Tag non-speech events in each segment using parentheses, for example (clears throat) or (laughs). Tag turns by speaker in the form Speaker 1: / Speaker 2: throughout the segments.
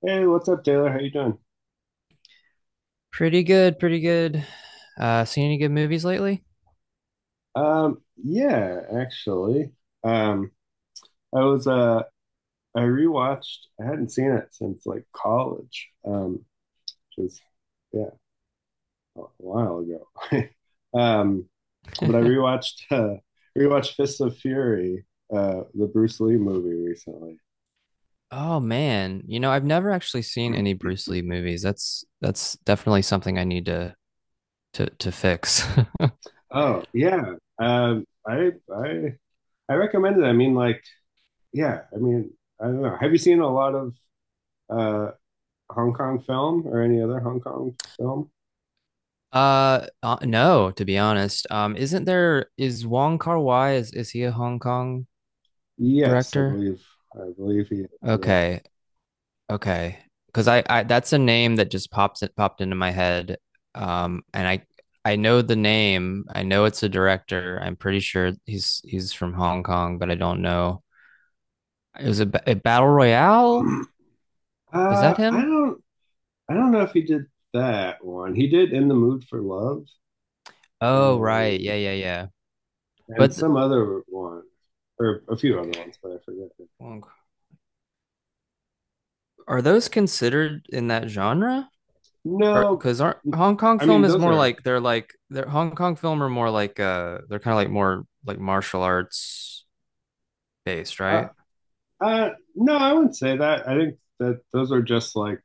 Speaker 1: Hey, what's up, Taylor? How you doing?
Speaker 2: Pretty good, pretty good. Seen any good movies lately?
Speaker 1: Yeah, actually, um, I was uh, I rewatched. I hadn't seen it since like college, which was yeah, a while ago. (laughs) Um, but I
Speaker 2: (laughs)
Speaker 1: rewatched (laughs) rewatched Fists of Fury, the Bruce Lee movie recently.
Speaker 2: Oh man, I've never actually seen any Bruce Lee movies. That's definitely something I need to fix. (laughs)
Speaker 1: Oh yeah, I I recommend it. I mean, like yeah, I mean, I don't know. Have you seen a lot of uh Hong Kong film or any other Hong Kong film?
Speaker 2: No, to be honest. Isn't there is Wong Kar-wai is he a Hong Kong
Speaker 1: Yes, I
Speaker 2: director?
Speaker 1: believe. I believe he is. Yeah.
Speaker 2: Okay. Okay. Because I that's a name that just pops it popped into my head. And I know the name. I know it's a director. I'm pretty sure he's from Hong Kong, but I don't know. It was a battle royale. Is that
Speaker 1: I
Speaker 2: him?
Speaker 1: don't. I don't know if he did that one. He did "In the Mood for Love"
Speaker 2: Oh, right.
Speaker 1: and
Speaker 2: Yeah, yeah, yeah. But
Speaker 1: some other one or a few other
Speaker 2: okay.
Speaker 1: ones, but I forget.
Speaker 2: Are those considered in that genre? Or
Speaker 1: No,
Speaker 2: because aren't Hong Kong
Speaker 1: I
Speaker 2: film
Speaker 1: mean
Speaker 2: is
Speaker 1: those
Speaker 2: more
Speaker 1: are.
Speaker 2: like they're Hong Kong film are more like they're kind of like more like martial arts based,
Speaker 1: Uh,
Speaker 2: right?
Speaker 1: no, I wouldn't say that. I think that those are just like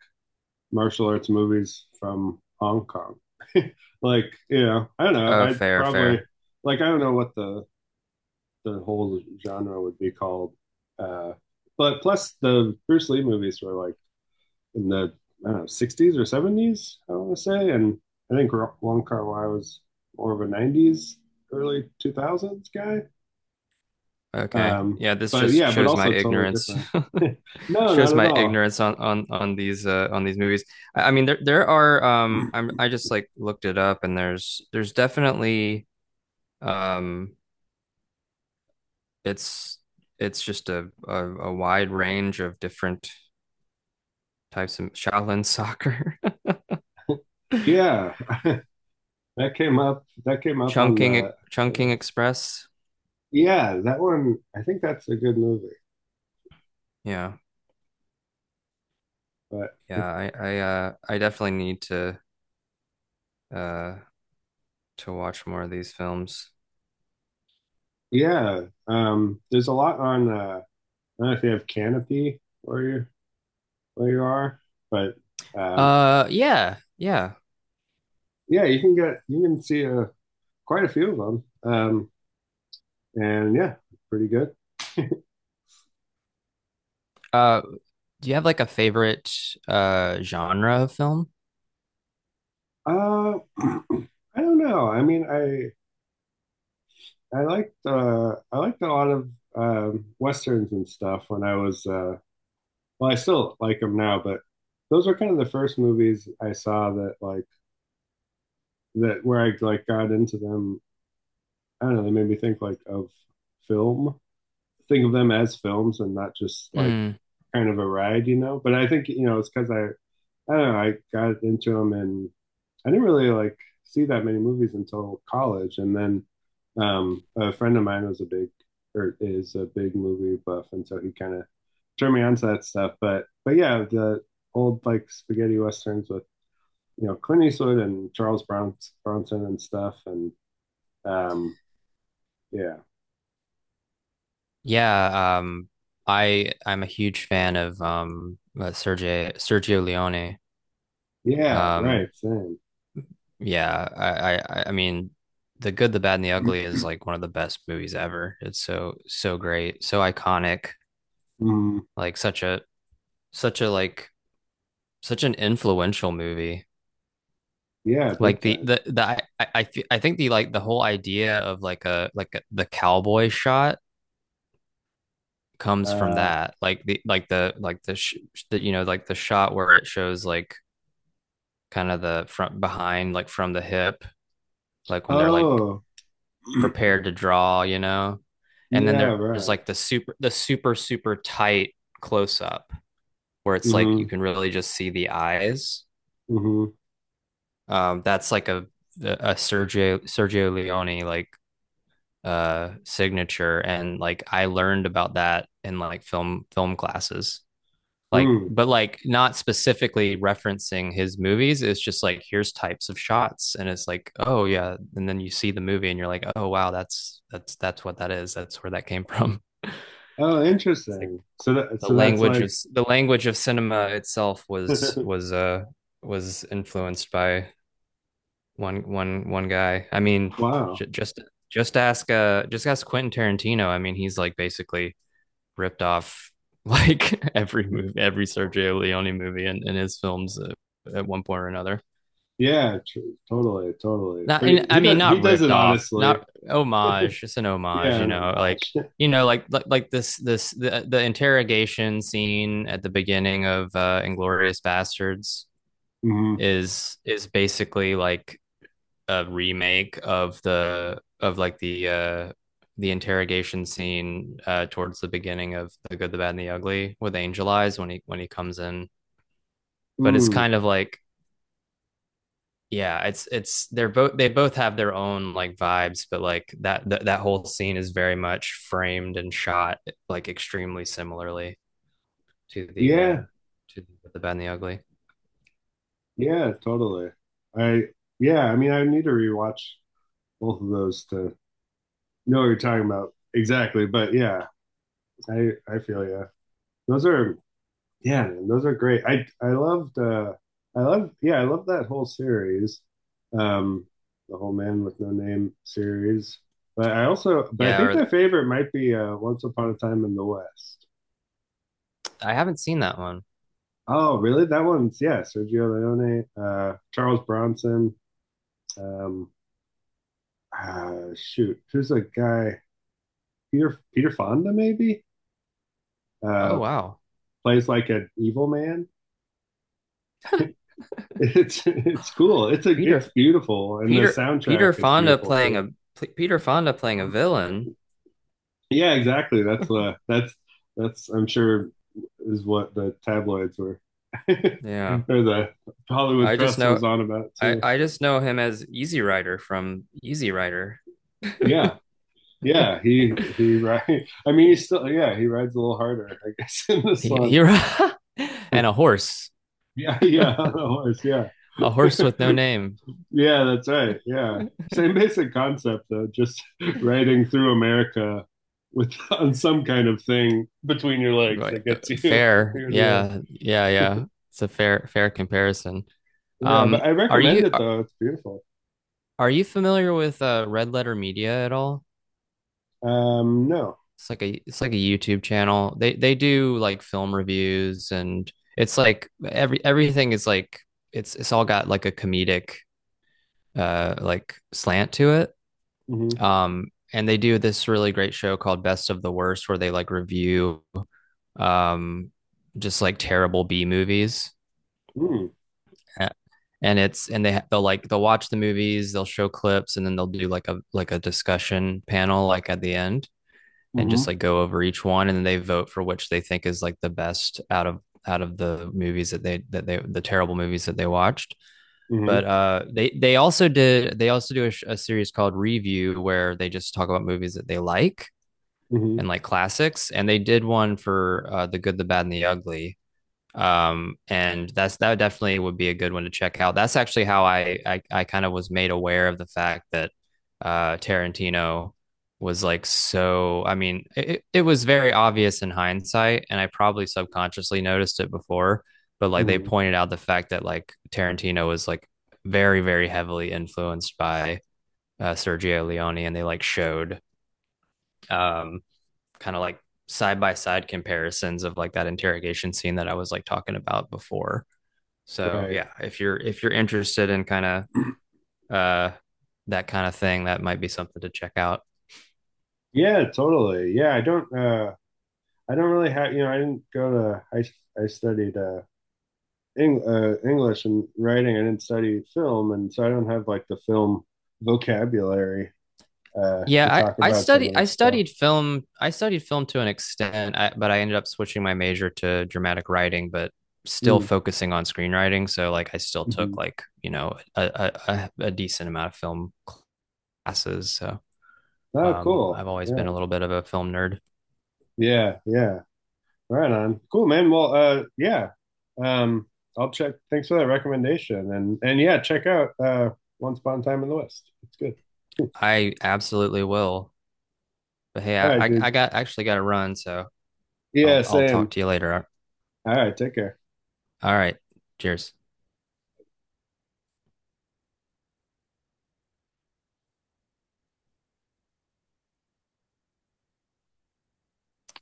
Speaker 1: martial arts movies from Hong Kong. Like, you know, I don't know.
Speaker 2: Oh,
Speaker 1: I'd
Speaker 2: fair,
Speaker 1: probably
Speaker 2: fair.
Speaker 1: like I don't know what the whole genre would be called. Uh, but plus, the Bruce Lee movies were like in the I don't know, 60s or 70s, I want to say. And I think Wong Kar Wai was more of a 90s, early 2000s guy.
Speaker 2: Okay.
Speaker 1: Um,
Speaker 2: Yeah, this
Speaker 1: but
Speaker 2: just
Speaker 1: yeah, but
Speaker 2: shows my
Speaker 1: also totally
Speaker 2: ignorance.
Speaker 1: different.
Speaker 2: (laughs)
Speaker 1: No, not
Speaker 2: Shows
Speaker 1: at
Speaker 2: my
Speaker 1: all.
Speaker 2: ignorance on these on these movies. I mean there are I just like looked it up and there's definitely um it's it's just a wide range of different types of Shaolin soccer.
Speaker 1: Yeah,
Speaker 2: (laughs)
Speaker 1: that came up. That came up on
Speaker 2: Chunking
Speaker 1: the
Speaker 2: Chunking
Speaker 1: list.
Speaker 2: Express.
Speaker 1: Yeah, that one. I think that's a good movie.
Speaker 2: Yeah.
Speaker 1: But
Speaker 2: Yeah, I definitely need uh to watch more of these films.
Speaker 1: Yeah, there's a lot on. I don't know if you have canopy where you are, but um,
Speaker 2: Yeah. Yeah.
Speaker 1: yeah, you can get you can see quite a few of them, and yeah, pretty good.
Speaker 2: Uh, do you have like a favorite genre of film?
Speaker 1: (clears throat) I don't know. I mean, I liked a lot of westerns and stuff when I was well, I still like them now, but those were kind of the first movies I saw that like that where I like got into them. I don't know. They made me think like of film think of them as films and not just like
Speaker 2: Mm,
Speaker 1: kind of a ride, you know. But I think you know it's because I don't know I got into them and I didn't really like see that many movies until college, and then a friend of mine was a big or is a big movie buff, and so he kind of turned me on to that stuff. But yeah, the old like spaghetti westerns with you know Clint Eastwood and Charles Bronson and stuff, and um, yeah,
Speaker 2: yeah, I'm a huge fan of Sergio Leone.
Speaker 1: yeah, right,
Speaker 2: Um
Speaker 1: same,
Speaker 2: yeah, I mean The Good, the Bad and the Ugly is like one of the best movies ever. It's so great, so iconic,
Speaker 1: mm,
Speaker 2: like such a like such an influential movie.
Speaker 1: yeah, big
Speaker 2: Like
Speaker 1: time.
Speaker 2: the I, th I think the like the whole idea of like a, the cowboy shot comes from
Speaker 1: Uh,
Speaker 2: that like the you know like the shot where it shows like kind of the front behind like from the hip like when they're like
Speaker 1: oh, (clears throat)
Speaker 2: prepared to draw. And then
Speaker 1: yeah,
Speaker 2: there's
Speaker 1: right.
Speaker 2: like the super super tight close up where it's like you
Speaker 1: Mm-hmm,
Speaker 2: can really just see the eyes.
Speaker 1: mm-hmm,
Speaker 2: That's like a Sergio Leone like signature, and like I learned about that in like film classes, like
Speaker 1: mm.
Speaker 2: but like not specifically referencing his movies. It's just like here's types of shots and it's like, oh yeah, and then you see the movie and you're like, oh wow, that's what that is, that's where that came from. (laughs) It's
Speaker 1: Oh,
Speaker 2: like
Speaker 1: interesting. So that
Speaker 2: the
Speaker 1: so that's
Speaker 2: language of
Speaker 1: like,
Speaker 2: the language of cinema itself
Speaker 1: (laughs)
Speaker 2: was influenced by one guy. I mean,
Speaker 1: wow.
Speaker 2: j- just just ask Quentin Tarantino. I mean, he's like basically ripped off (laughs) like every movie, every Sergio Leone movie in his films, at one point or another.
Speaker 1: Yeah, tr Totally, totally.
Speaker 2: Not,
Speaker 1: But
Speaker 2: and, I mean,
Speaker 1: he
Speaker 2: not
Speaker 1: does it
Speaker 2: ripped off,
Speaker 1: honestly.
Speaker 2: not homage. It's an homage,
Speaker 1: Yeah,
Speaker 2: you
Speaker 1: an
Speaker 2: know, like
Speaker 1: homage. (laughs)
Speaker 2: You know, like, the interrogation scene at the beginning of Inglorious Bastards
Speaker 1: Mm,
Speaker 2: is basically like a remake of the of like the interrogation scene towards the beginning of The Good, the Bad, and the Ugly with Angel Eyes when he comes in. But it's
Speaker 1: mm.
Speaker 2: kind of like, yeah, it's they're both, they both have their own like vibes, but like that whole scene is very much framed and shot like extremely similarly to the
Speaker 1: Yeah,
Speaker 2: uh to the bad and the ugly.
Speaker 1: yeah, totally. I yeah, I mean, I need to rewatch both of those to know what you're talking about exactly. But yeah, I feel yeah. Those are Yeah, man, those are great. I loved I love yeah, I love that whole series. Um the whole Man with No Name series. But I
Speaker 2: Yeah,
Speaker 1: think
Speaker 2: or
Speaker 1: my favorite might be Once Upon a Time in the West.
Speaker 2: I haven't seen that one.
Speaker 1: Oh, really? That one's yeah, Sergio Leone, Charles Bronson, um shoot, who's a guy? Peter Fonda maybe?
Speaker 2: Oh
Speaker 1: Uh
Speaker 2: wow.
Speaker 1: plays like an evil man. (laughs) It's cool. It's
Speaker 2: Peter
Speaker 1: beautiful and the
Speaker 2: Peter
Speaker 1: soundtrack
Speaker 2: Peter
Speaker 1: is
Speaker 2: Fonda
Speaker 1: beautiful
Speaker 2: playing
Speaker 1: too.
Speaker 2: a Peter Fonda playing a villain.
Speaker 1: Yeah, exactly. That's I'm sure is what the tabloids were (laughs) or
Speaker 2: Yeah,
Speaker 1: the Hollywood
Speaker 2: I just
Speaker 1: press was
Speaker 2: know,
Speaker 1: on about too.
Speaker 2: I just know him as Easy Rider from Easy Rider.
Speaker 1: Yeah. Yeah, he ri (laughs) I mean he's still yeah, he rides a little harder, I guess, (laughs) in this
Speaker 2: He
Speaker 1: one.
Speaker 2: he, (laughs) And a horse,
Speaker 1: Yeah, (laughs)
Speaker 2: (laughs)
Speaker 1: yeah, on a horse, yeah.
Speaker 2: a horse with no
Speaker 1: (laughs)
Speaker 2: name.
Speaker 1: Yeah, that's right. Yeah. Same basic concept though, just (laughs) riding through America with (laughs) on some kind of thing between your legs
Speaker 2: Right,
Speaker 1: that gets you (laughs) from
Speaker 2: fair.
Speaker 1: here to
Speaker 2: Yeah, yeah, yeah. It's a fair comparison.
Speaker 1: there. Yeah, but
Speaker 2: Um,
Speaker 1: I
Speaker 2: are you
Speaker 1: recommend it
Speaker 2: are,
Speaker 1: though. It's beautiful.
Speaker 2: are you familiar with Red Letter Media at all?
Speaker 1: No.
Speaker 2: It's like a YouTube channel. They do like film reviews, and it's like everything is like it's all got like a comedic like slant to it.
Speaker 1: Mm-hmm.
Speaker 2: Um and they do this really great show called Best of the Worst where they like review um just like terrible B movies.
Speaker 1: Mm.
Speaker 2: And it's, and they'll watch the movies, they'll show clips, and then they'll do like a discussion panel like at the end, and just
Speaker 1: Mm-hmm.
Speaker 2: like go over each one, and then they vote for which they think is like the best out of the movies that the terrible movies that they watched.
Speaker 1: Mm-hmm.
Speaker 2: But they also do a series called review where they just talk about movies that they like
Speaker 1: Mm-hmm.
Speaker 2: and like classics, and they did one for the good the bad and the ugly. And that definitely would be a good one to check out. That's actually how I kind of was made aware of the fact that Tarantino was like, I mean, it was very obvious in hindsight, and I probably subconsciously noticed it before, but like they
Speaker 1: Mm-hmm.
Speaker 2: pointed out the fact that like Tarantino was like very very heavily influenced by Sergio Leone, and they like showed um kind of like side by side comparisons of like that interrogation scene that I was like talking about before. So
Speaker 1: Right.
Speaker 2: yeah, if you're interested in kind of that kind of thing, that might be something to check out.
Speaker 1: Yeah, totally. Yeah, I don't really have, you know, I didn't go to I studied English and writing. I didn't study film and so I don't have like the film vocabulary to
Speaker 2: Yeah,
Speaker 1: talk
Speaker 2: I
Speaker 1: about some
Speaker 2: study
Speaker 1: of this stuff.
Speaker 2: I studied film to an extent, but I ended up switching my major to dramatic writing, but still
Speaker 1: Mm.
Speaker 2: focusing on screenwriting. So like I still
Speaker 1: Hmm.
Speaker 2: took like a decent amount of film classes. So
Speaker 1: Oh, cool.
Speaker 2: I've always been a
Speaker 1: Yeah.
Speaker 2: little bit of a film nerd.
Speaker 1: Yeah, yeah. Right on. Cool, man. Well, yeah. Um, I'll check. Thanks for that recommendation. And yeah, check out Once Upon a Time in the West. It's good.
Speaker 2: I absolutely will. But hey,
Speaker 1: All right,
Speaker 2: I
Speaker 1: dude.
Speaker 2: got to run, so
Speaker 1: Yeah,
Speaker 2: I'll talk
Speaker 1: same.
Speaker 2: to you later.
Speaker 1: All right, take care.
Speaker 2: All right, cheers.